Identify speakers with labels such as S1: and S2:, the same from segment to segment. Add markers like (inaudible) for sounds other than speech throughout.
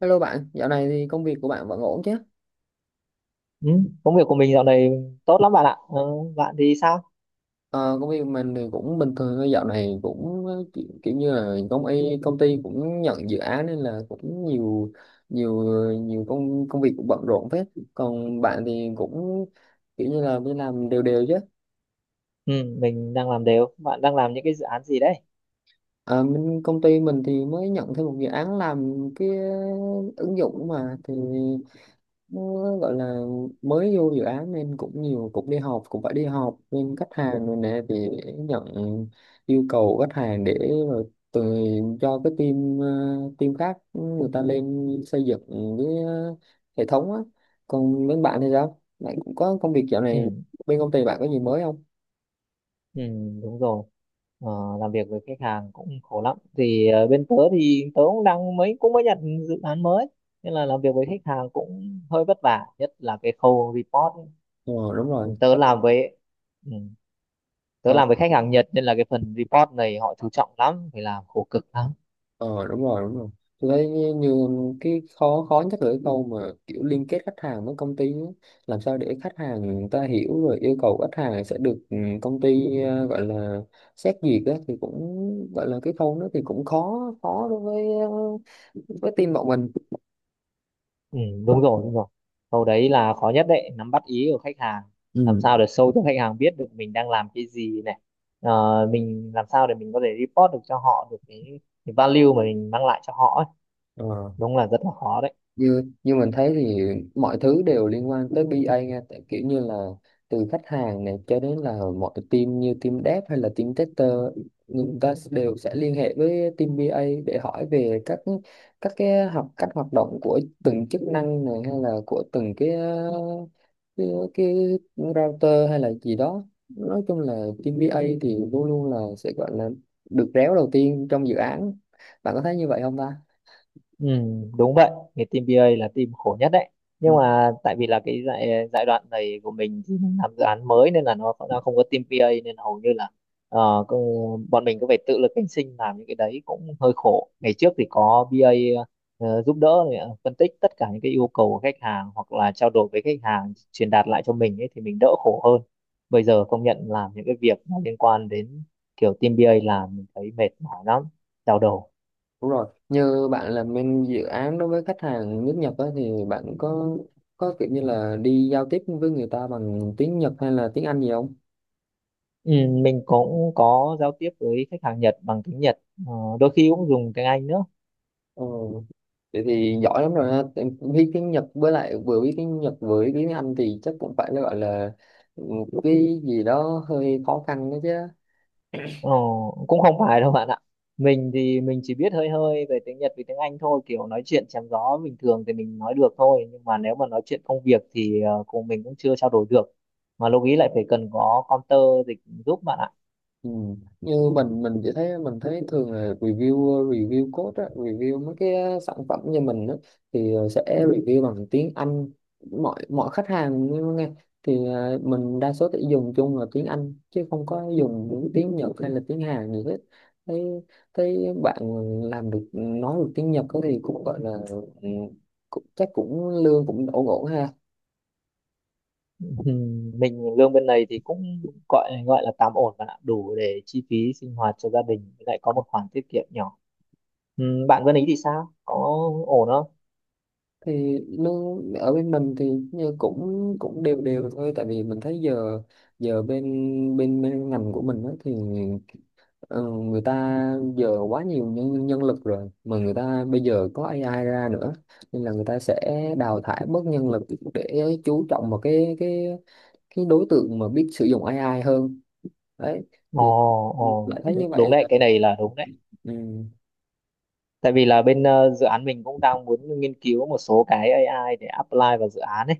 S1: Hello bạn, dạo này thì công việc của bạn vẫn ổn chứ?
S2: Ừ, công việc của mình dạo này tốt lắm bạn ạ. Ờ, bạn thì sao?
S1: Ờ, công việc mình thì cũng bình thường thôi, dạo này cũng kiểu như là công ty cũng nhận dự án nên là cũng nhiều nhiều nhiều công công việc cũng bận rộn phết. Còn bạn thì cũng kiểu như là đi làm đều đều chứ?
S2: Ừ, mình đang làm đều. Bạn đang làm những cái dự án gì đấy?
S1: Công ty mình thì mới nhận thêm một dự án làm cái ứng dụng mà thì nó gọi là mới vô dự án, nên cũng nhiều, cũng đi học, cũng phải đi học bên khách hàng rồi nè, thì để nhận yêu cầu khách hàng để rồi từ cho cái team team khác người ta lên xây dựng cái hệ thống á. Còn bên bạn thì sao, bạn cũng có công việc dạo này,
S2: Ừ,
S1: bên công ty bạn có gì mới không?
S2: ừ, đúng rồi. Ờ, làm việc với khách hàng cũng khổ lắm. Thì bên tớ thì tớ cũng mới nhận dự án mới. Nên là làm việc với khách hàng cũng hơi vất vả, nhất là cái khâu report ấy.
S1: Ờ Đúng rồi.
S2: Ừ, ừ, tớ làm với khách hàng Nhật nên là cái phần report này họ chú trọng lắm, phải làm khổ cực lắm.
S1: Ờ Đúng rồi, đúng rồi. Tôi thấy như cái khó khó nhất là cái câu mà kiểu liên kết khách hàng với công ty á. Làm sao để khách hàng người ta hiểu rồi yêu cầu khách hàng sẽ được, công ty gọi là xét duyệt á thì cũng gọi là cái khâu đó thì cũng khó khó đối với với team bọn mình.
S2: Ừ, đúng rồi, đúng rồi. Câu đấy là khó nhất đấy, nắm bắt ý của khách hàng. Làm
S1: Ừ.
S2: sao để show cho khách hàng biết được mình đang làm cái gì này. Mình làm sao để mình có thể report được cho họ được cái value mà mình mang lại cho họ ấy.
S1: Ờ.
S2: Đúng là rất là khó đấy.
S1: như như mình thấy thì mọi thứ đều liên quan tới BA nha, tại kiểu như là từ khách hàng này cho đến là mọi team như team dev hay là team tester, người ta đều sẽ liên hệ với team BA để hỏi về các cái học cách hoạt động của từng chức năng này hay là của từng cái uh, cái, cái router hay là gì đó. Nói chung là team BA thì luôn luôn là sẽ gọi là được réo đầu tiên trong dự án. Bạn có thấy như vậy không ta?
S2: Ừ, đúng vậy, cái team BA là team khổ nhất đấy. Nhưng mà tại vì là cái giai giai đoạn này của mình thì mình làm dự án mới nên là nó không có team BA nên hầu như là bọn mình cứ phải tự lực cánh sinh làm những cái đấy cũng hơi khổ. Ngày trước thì có BA giúp đỡ này, phân tích tất cả những cái yêu cầu của khách hàng hoặc là trao đổi với khách hàng truyền đạt lại cho mình ấy thì mình đỡ khổ hơn. Bây giờ công nhận làm những cái việc mà liên quan đến kiểu team BA làm mình thấy mệt mỏi lắm, đau đầu.
S1: Đúng rồi, như bạn làm bên dự án đối với khách hàng nước Nhật á, thì bạn có kiểu như là đi giao tiếp với người ta bằng tiếng Nhật hay là tiếng Anh gì không?
S2: Ừ, mình cũng có giao tiếp với khách hàng Nhật bằng tiếng Nhật, ờ, đôi khi cũng dùng tiếng Anh nữa.
S1: Ờ, Vậy thì giỏi lắm rồi ha. Tại biết tiếng Nhật, với lại vừa biết tiếng Nhật vừa biết tiếng Anh thì chắc cũng phải là gọi là ừ, cái gì đó hơi khó khăn đó chứ.
S2: Ờ, cũng không phải đâu bạn ạ, mình thì mình chỉ biết hơi hơi về tiếng Nhật với tiếng Anh thôi, kiểu nói chuyện chém gió bình thường thì mình nói được thôi, nhưng mà nếu mà nói chuyện công việc thì cùng mình cũng chưa trao đổi được, mà lúc ý lại phải cần có counter dịch giúp bạn ạ.
S1: Ừ. Như mình chỉ thấy, mình thấy thường là review review code á, review mấy cái sản phẩm như mình á, thì sẽ review bằng tiếng Anh, mọi mọi khách hàng nghe, thì à, mình đa số sẽ dùng chung là tiếng Anh chứ không có dùng những tiếng Nhật hay là tiếng Hàn gì hết. Thấy thấy bạn làm được, nói được tiếng Nhật á thì cũng gọi là ừ, cũng, chắc cũng lương cũng đổ ổn ha.
S2: Ừ, mình lương bên này thì cũng gọi gọi là tạm ổn bạn ạ, đủ để chi phí sinh hoạt cho gia đình, lại có một khoản tiết kiệm nhỏ. Bạn bên ý thì sao, có ổn không?
S1: Thì nó ở bên mình thì như cũng cũng đều đều thôi, tại vì mình thấy giờ giờ bên bên, bên ngành của mình á, thì ờ, người ta giờ quá nhiều nhân nhân lực rồi, mà người ta bây giờ có AI ra nữa, nên là người ta sẽ đào thải bớt nhân lực để chú trọng vào cái đối tượng mà biết sử dụng AI hơn đấy.
S2: Ồ,
S1: Thì
S2: ồ,
S1: lại thấy
S2: đúng,
S1: như
S2: đúng
S1: vậy
S2: đấy,
S1: là.
S2: cái này là đúng đấy.
S1: Ừ.
S2: Tại vì là bên dự án mình cũng đang muốn nghiên cứu một số cái AI để apply vào dự án ấy.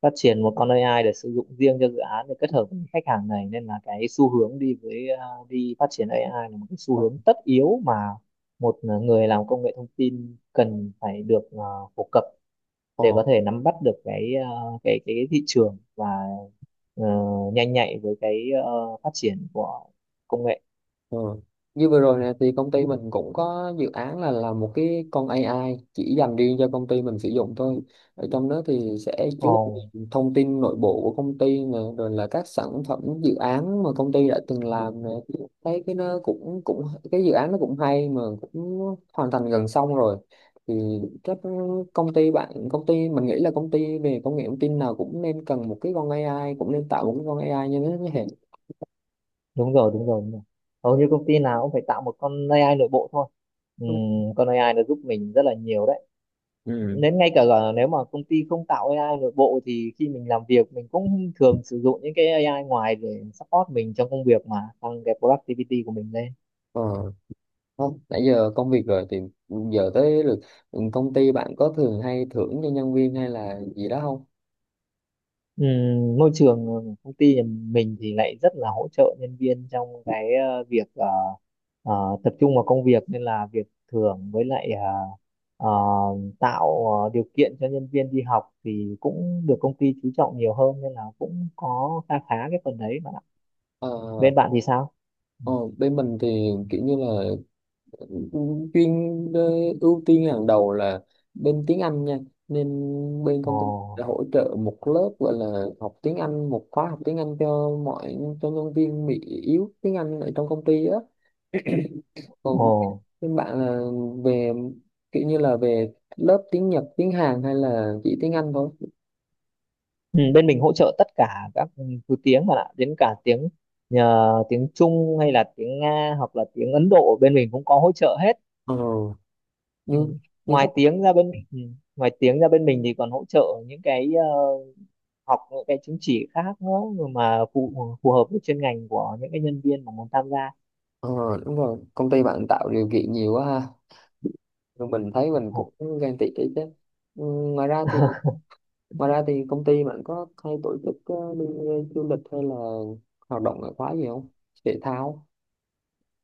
S2: Phát triển một con AI để sử dụng riêng cho dự án để kết hợp với khách hàng này, nên là cái xu hướng đi với đi phát triển AI là một cái xu
S1: Ờ,
S2: hướng tất yếu mà một người làm công nghệ thông tin cần phải được phổ cập
S1: ờ.
S2: để có thể nắm bắt được cái thị trường và ờ, nhanh nhạy với cái phát triển của công nghệ.
S1: Ừ. Như vừa rồi nè thì công ty mình cũng có dự án là làm một cái con AI chỉ dành riêng cho công ty mình sử dụng thôi. Ở trong đó thì sẽ chứa
S2: Ồ.
S1: đựng thông tin nội bộ của công ty nè, rồi là các sản phẩm dự án mà công ty đã từng làm nè. Thấy cái nó cũng cũng, cái dự án nó cũng hay, mà cũng hoàn thành gần xong rồi. Thì chắc công ty bạn, công ty mình nghĩ là công ty về công nghệ thông tin nào cũng nên cần một cái con AI, cũng nên tạo một cái con AI như thế này.
S2: Đúng rồi, đúng rồi, đúng rồi, hầu như công ty nào cũng phải tạo một con AI nội bộ thôi. Ừm, con AI nó giúp mình rất là nhiều đấy,
S1: Ừ.
S2: đến ngay cả là nếu mà công ty không tạo AI nội bộ thì khi mình làm việc mình cũng thường sử dụng những cái AI ngoài để support mình trong công việc mà tăng cái productivity của mình lên.
S1: Ờ. Không, nãy giờ công việc rồi thì giờ tới lượt, công ty bạn có thường hay thưởng cho nhân viên hay là gì đó không?
S2: Môi trường công ty nhà mình thì lại rất là hỗ trợ nhân viên trong cái việc ờ, tập trung vào công việc, nên là việc thưởng với lại ờ, tạo điều kiện cho nhân viên đi học thì cũng được công ty chú trọng nhiều hơn, nên là cũng có khá khá cái phần đấy bạn ạ.
S1: ờ,
S2: Bên bạn thì sao? Ừ.
S1: ờ, Bên mình thì kiểu như là ừ, chuyên ờ, ưu tiên hàng đầu là bên tiếng Anh nha, nên bên
S2: Ồ,
S1: công ty đã hỗ trợ một lớp gọi là học tiếng Anh, một khóa học tiếng Anh cho cho nhân viên bị yếu tiếng Anh ở trong công ty á.
S2: ồ.
S1: Còn bên bạn là về kiểu như là về lớp tiếng Nhật, tiếng Hàn hay là chỉ tiếng Anh thôi?
S2: Ừ, bên mình hỗ trợ tất cả các thứ tiếng bạn ạ, đến cả tiếng nhờ tiếng Trung hay là tiếng Nga hoặc là tiếng Ấn Độ, bên mình cũng có hỗ trợ hết.
S1: Ờ.
S2: Ừ.
S1: như như
S2: Ngoài
S1: khách.
S2: tiếng ra bên ừ. Ngoài tiếng ra bên mình thì còn hỗ trợ những cái học những cái chứng chỉ khác nữa mà phù phù hợp với chuyên ngành của những cái nhân viên mà muốn tham gia.
S1: ờ Đúng rồi, công ty bạn tạo điều kiện nhiều quá ha. Rồi mình thấy mình
S2: Ồ.
S1: cũng ghen tị đấy chứ. Ừ, ngoài ra thì,
S2: (laughs)
S1: ngoài ra thì công ty bạn có hay tổ chức đi du lịch hay là hoạt động ngoại khóa gì không, thể thao?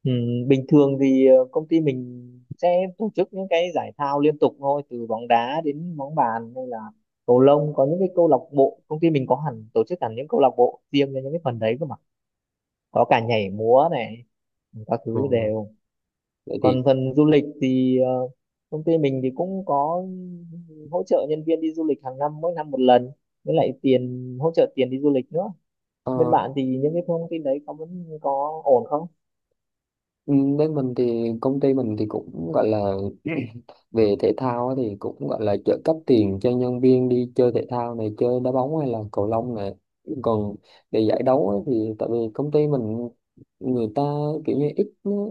S2: Ừ, bình thường thì công ty mình sẽ tổ chức những cái giải thao liên tục thôi, từ bóng đá đến bóng bàn hay là cầu lông. Có những cái câu lạc bộ, công ty mình có hẳn tổ chức hẳn những câu lạc bộ riêng cho những cái phần đấy cơ mà, có cả nhảy múa này, các thứ
S1: Ừ.
S2: đều.
S1: Vậy thì
S2: Còn phần du lịch thì công ty mình thì cũng có hỗ trợ nhân viên đi du lịch hàng năm, mỗi năm một lần, với lại tiền hỗ trợ tiền đi du lịch nữa. Bên
S1: ờ,
S2: bạn thì những cái thông tin đấy có vẫn có ổn không?
S1: Ừ, bên mình thì công ty mình thì cũng gọi là (clears throat) về thể thao á thì cũng gọi là trợ cấp tiền cho nhân viên đi chơi thể thao này, chơi đá bóng hay là cầu lông này. Còn để giải đấu á thì tại vì công ty mình người ta kiểu như ít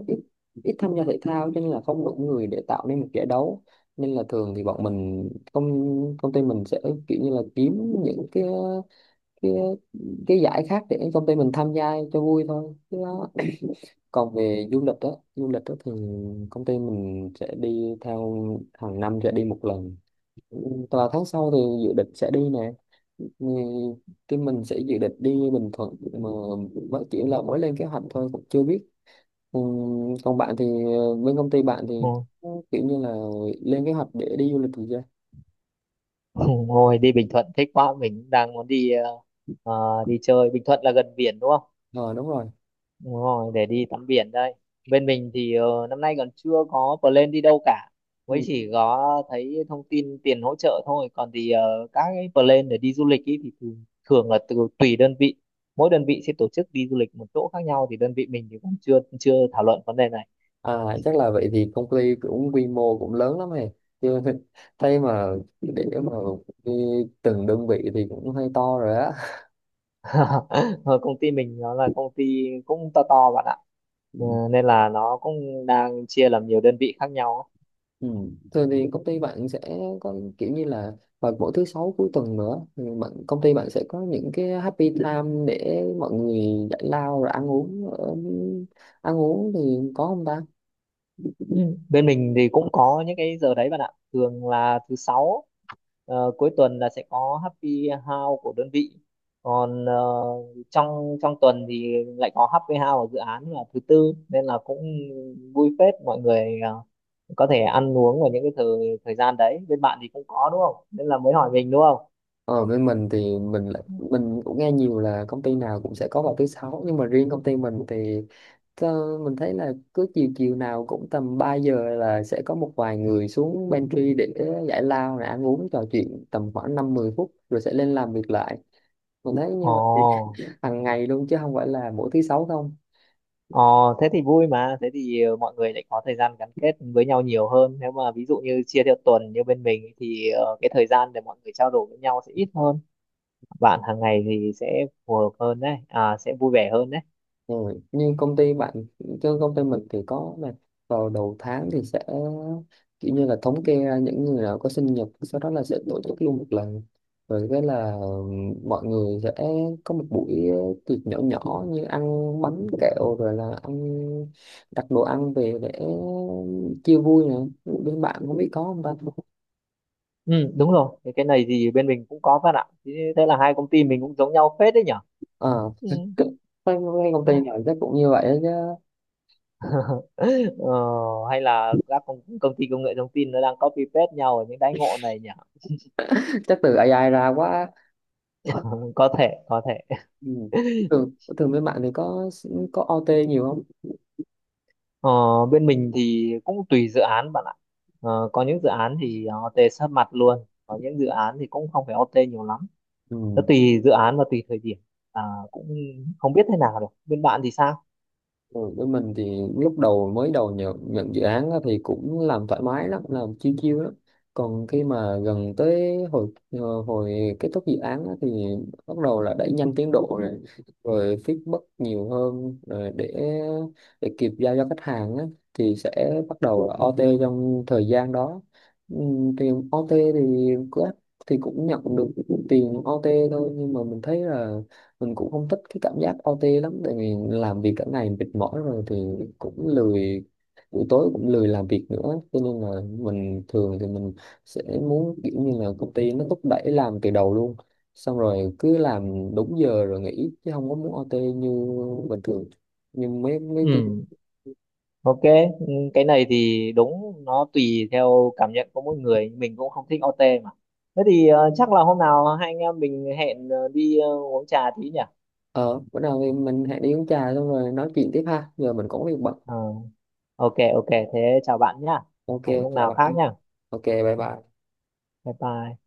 S1: ít ít tham gia thể thao cho nên là không đủ người để tạo nên một giải đấu, nên là thường thì bọn mình, công công ty mình sẽ kiểu như là kiếm những cái cái cái giải khác để công ty mình tham gia cho vui thôi chứ. Còn về du lịch đó, du lịch đó thì công ty mình sẽ đi theo, hàng năm sẽ đi một lần, và tháng sau thì dự định sẽ đi nè. Ừ, cái mình sẽ dự định đi Bình Thuận, mà mới chỉ là mới lên kế hoạch thôi cũng chưa biết. Ừ, còn bạn thì, bên công ty bạn thì
S2: Ừ.
S1: kiểu như là lên kế hoạch để đi du lịch thì chưa?
S2: (laughs) Ngồi đi Bình Thuận thích quá, mình cũng đang muốn đi, đi chơi Bình Thuận là gần biển đúng không?
S1: Ờ Đúng rồi.
S2: Đúng rồi, để đi tắm biển đây. Bên mình thì năm nay còn chưa có plan đi đâu cả. Mới chỉ có thấy thông tin tiền hỗ trợ thôi. Còn thì các cái plan để đi du lịch ý thì thường là tùy đơn vị. Mỗi đơn vị sẽ tổ chức đi du lịch một chỗ khác nhau, thì đơn vị mình thì còn chưa chưa thảo luận vấn đề này.
S1: À, chắc là vậy thì công ty cũng quy mô cũng lớn lắm này chứ. (laughs) Thấy mà, để mà đi từng đơn vị thì cũng hơi to rồi á.
S2: (laughs) Ờ, Công ty mình nó là công ty cũng to to bạn ạ.
S1: Ừ.
S2: Nên là nó cũng đang chia làm nhiều đơn vị khác nhau ấy.
S1: Ừ. Thường thì công ty bạn sẽ có kiểu như là, vào mỗi thứ sáu cuối tuần nữa thì bạn, công ty bạn sẽ có những cái happy time để mọi người giải lao rồi ăn uống ăn uống thì có không ta?
S2: Ừ. Bên mình thì cũng có những cái giờ đấy bạn ạ. Thường là thứ sáu cuối tuần là sẽ có happy hour của đơn vị. Còn trong trong tuần thì lại có happy hour ở dự án là thứ tư, nên là cũng vui phết, mọi người có thể ăn uống vào những cái thời thời gian đấy. Bên bạn thì cũng có đúng không? Nên là mới hỏi mình đúng không?
S1: Ở bên mình thì mình cũng nghe nhiều là công ty nào cũng sẽ có vào thứ sáu, nhưng mà riêng công ty mình thì mình thấy là cứ chiều chiều nào cũng tầm 3 giờ là sẽ có một vài người xuống pantry để giải lao rồi ăn uống trò chuyện tầm khoảng năm mười phút rồi sẽ lên làm việc lại. Mình thấy như
S2: Ồ.
S1: vậy hàng ngày luôn chứ không phải là mỗi thứ sáu không.
S2: Ờ, thế thì vui mà, thế thì mọi người lại có thời gian gắn kết với nhau nhiều hơn. Nếu mà ví dụ như chia theo tuần như bên mình thì cái thời gian để mọi người trao đổi với nhau sẽ ít hơn. Bạn hàng ngày thì sẽ phù hợp hơn đấy, à, sẽ vui vẻ hơn đấy.
S1: Rồi, nhưng công ty bạn, chứ công ty mình thì có là vào đầu tháng thì sẽ kiểu như là thống kê ra những người nào có sinh nhật, sau đó là sẽ tổ chức luôn một lần, rồi cái là mọi người sẽ có một buổi tiệc nhỏ nhỏ, như ăn bánh kẹo rồi là ăn, đặt đồ ăn về để chia vui nè. Bên bạn không biết có không ta?
S2: Ừ, đúng rồi, cái này thì bên mình cũng có bạn ạ. Thế Thế là hai công ty mình cũng giống nhau phết đấy nhở.
S1: Ờ. (laughs)
S2: Ừ.
S1: À, cái công ty nào chắc cũng như vậy đó chứ.
S2: (laughs) Ờ, hay là các công ty công nghệ thông tin nó đang copy paste nhau ở những đãi ngộ này nhỉ?
S1: Chắc từ AI ra quá.
S2: (laughs) Có thể, có thể.
S1: Ừ. Thường, thường bên bạn thì có OT nhiều không?
S2: Ờ, bên mình thì cũng tùy dự án bạn ạ. Có những dự án thì OT sát mặt luôn, có những dự án thì cũng không phải OT nhiều lắm. Nó
S1: Ừ.
S2: tùy dự án và tùy thời điểm. À, cũng không biết thế nào được. Bên bạn thì sao?
S1: Ừ, với mình thì lúc đầu mới đầu, nhận dự án á thì cũng làm thoải mái lắm, làm chiêu chiêu lắm. Còn khi mà gần tới hồi hồi kết thúc dự án á thì bắt đầu là đẩy nhanh tiến độ rồi, rồi feedback nhiều hơn, rồi để kịp giao cho khách hàng á thì sẽ bắt đầu là OT trong thời gian đó. Ừ, tiền OT thì cứ, thì cũng nhận được tiền OT thôi, nhưng mà mình thấy là mình cũng không thích cái cảm giác OT lắm, tại vì làm việc cả ngày mệt mỏi rồi thì cũng lười, buổi tối cũng lười làm việc nữa, cho nên là mình thường thì mình sẽ muốn kiểu như là công ty nó thúc đẩy làm từ đầu luôn, xong rồi cứ làm đúng giờ rồi nghỉ chứ không có muốn OT như bình thường. Nhưng mấy mấy team.
S2: Ừ, ok. Ừ, cái này thì đúng, nó tùy theo cảm nhận của mỗi người. Mình cũng không thích OT mà. Thế thì chắc là hôm nào hai anh em mình hẹn đi uống trà tí nhỉ?
S1: Ờ Bữa nào thì mình hãy đi uống trà xong rồi nói chuyện tiếp ha, giờ mình cũng có việc bận.
S2: Ờ, ok, ok. Thế chào bạn nhá.
S1: Ok,
S2: Hẹn lúc
S1: chào
S2: nào
S1: bạn.
S2: khác nhá.
S1: Ok, bye bye.
S2: Bye bye.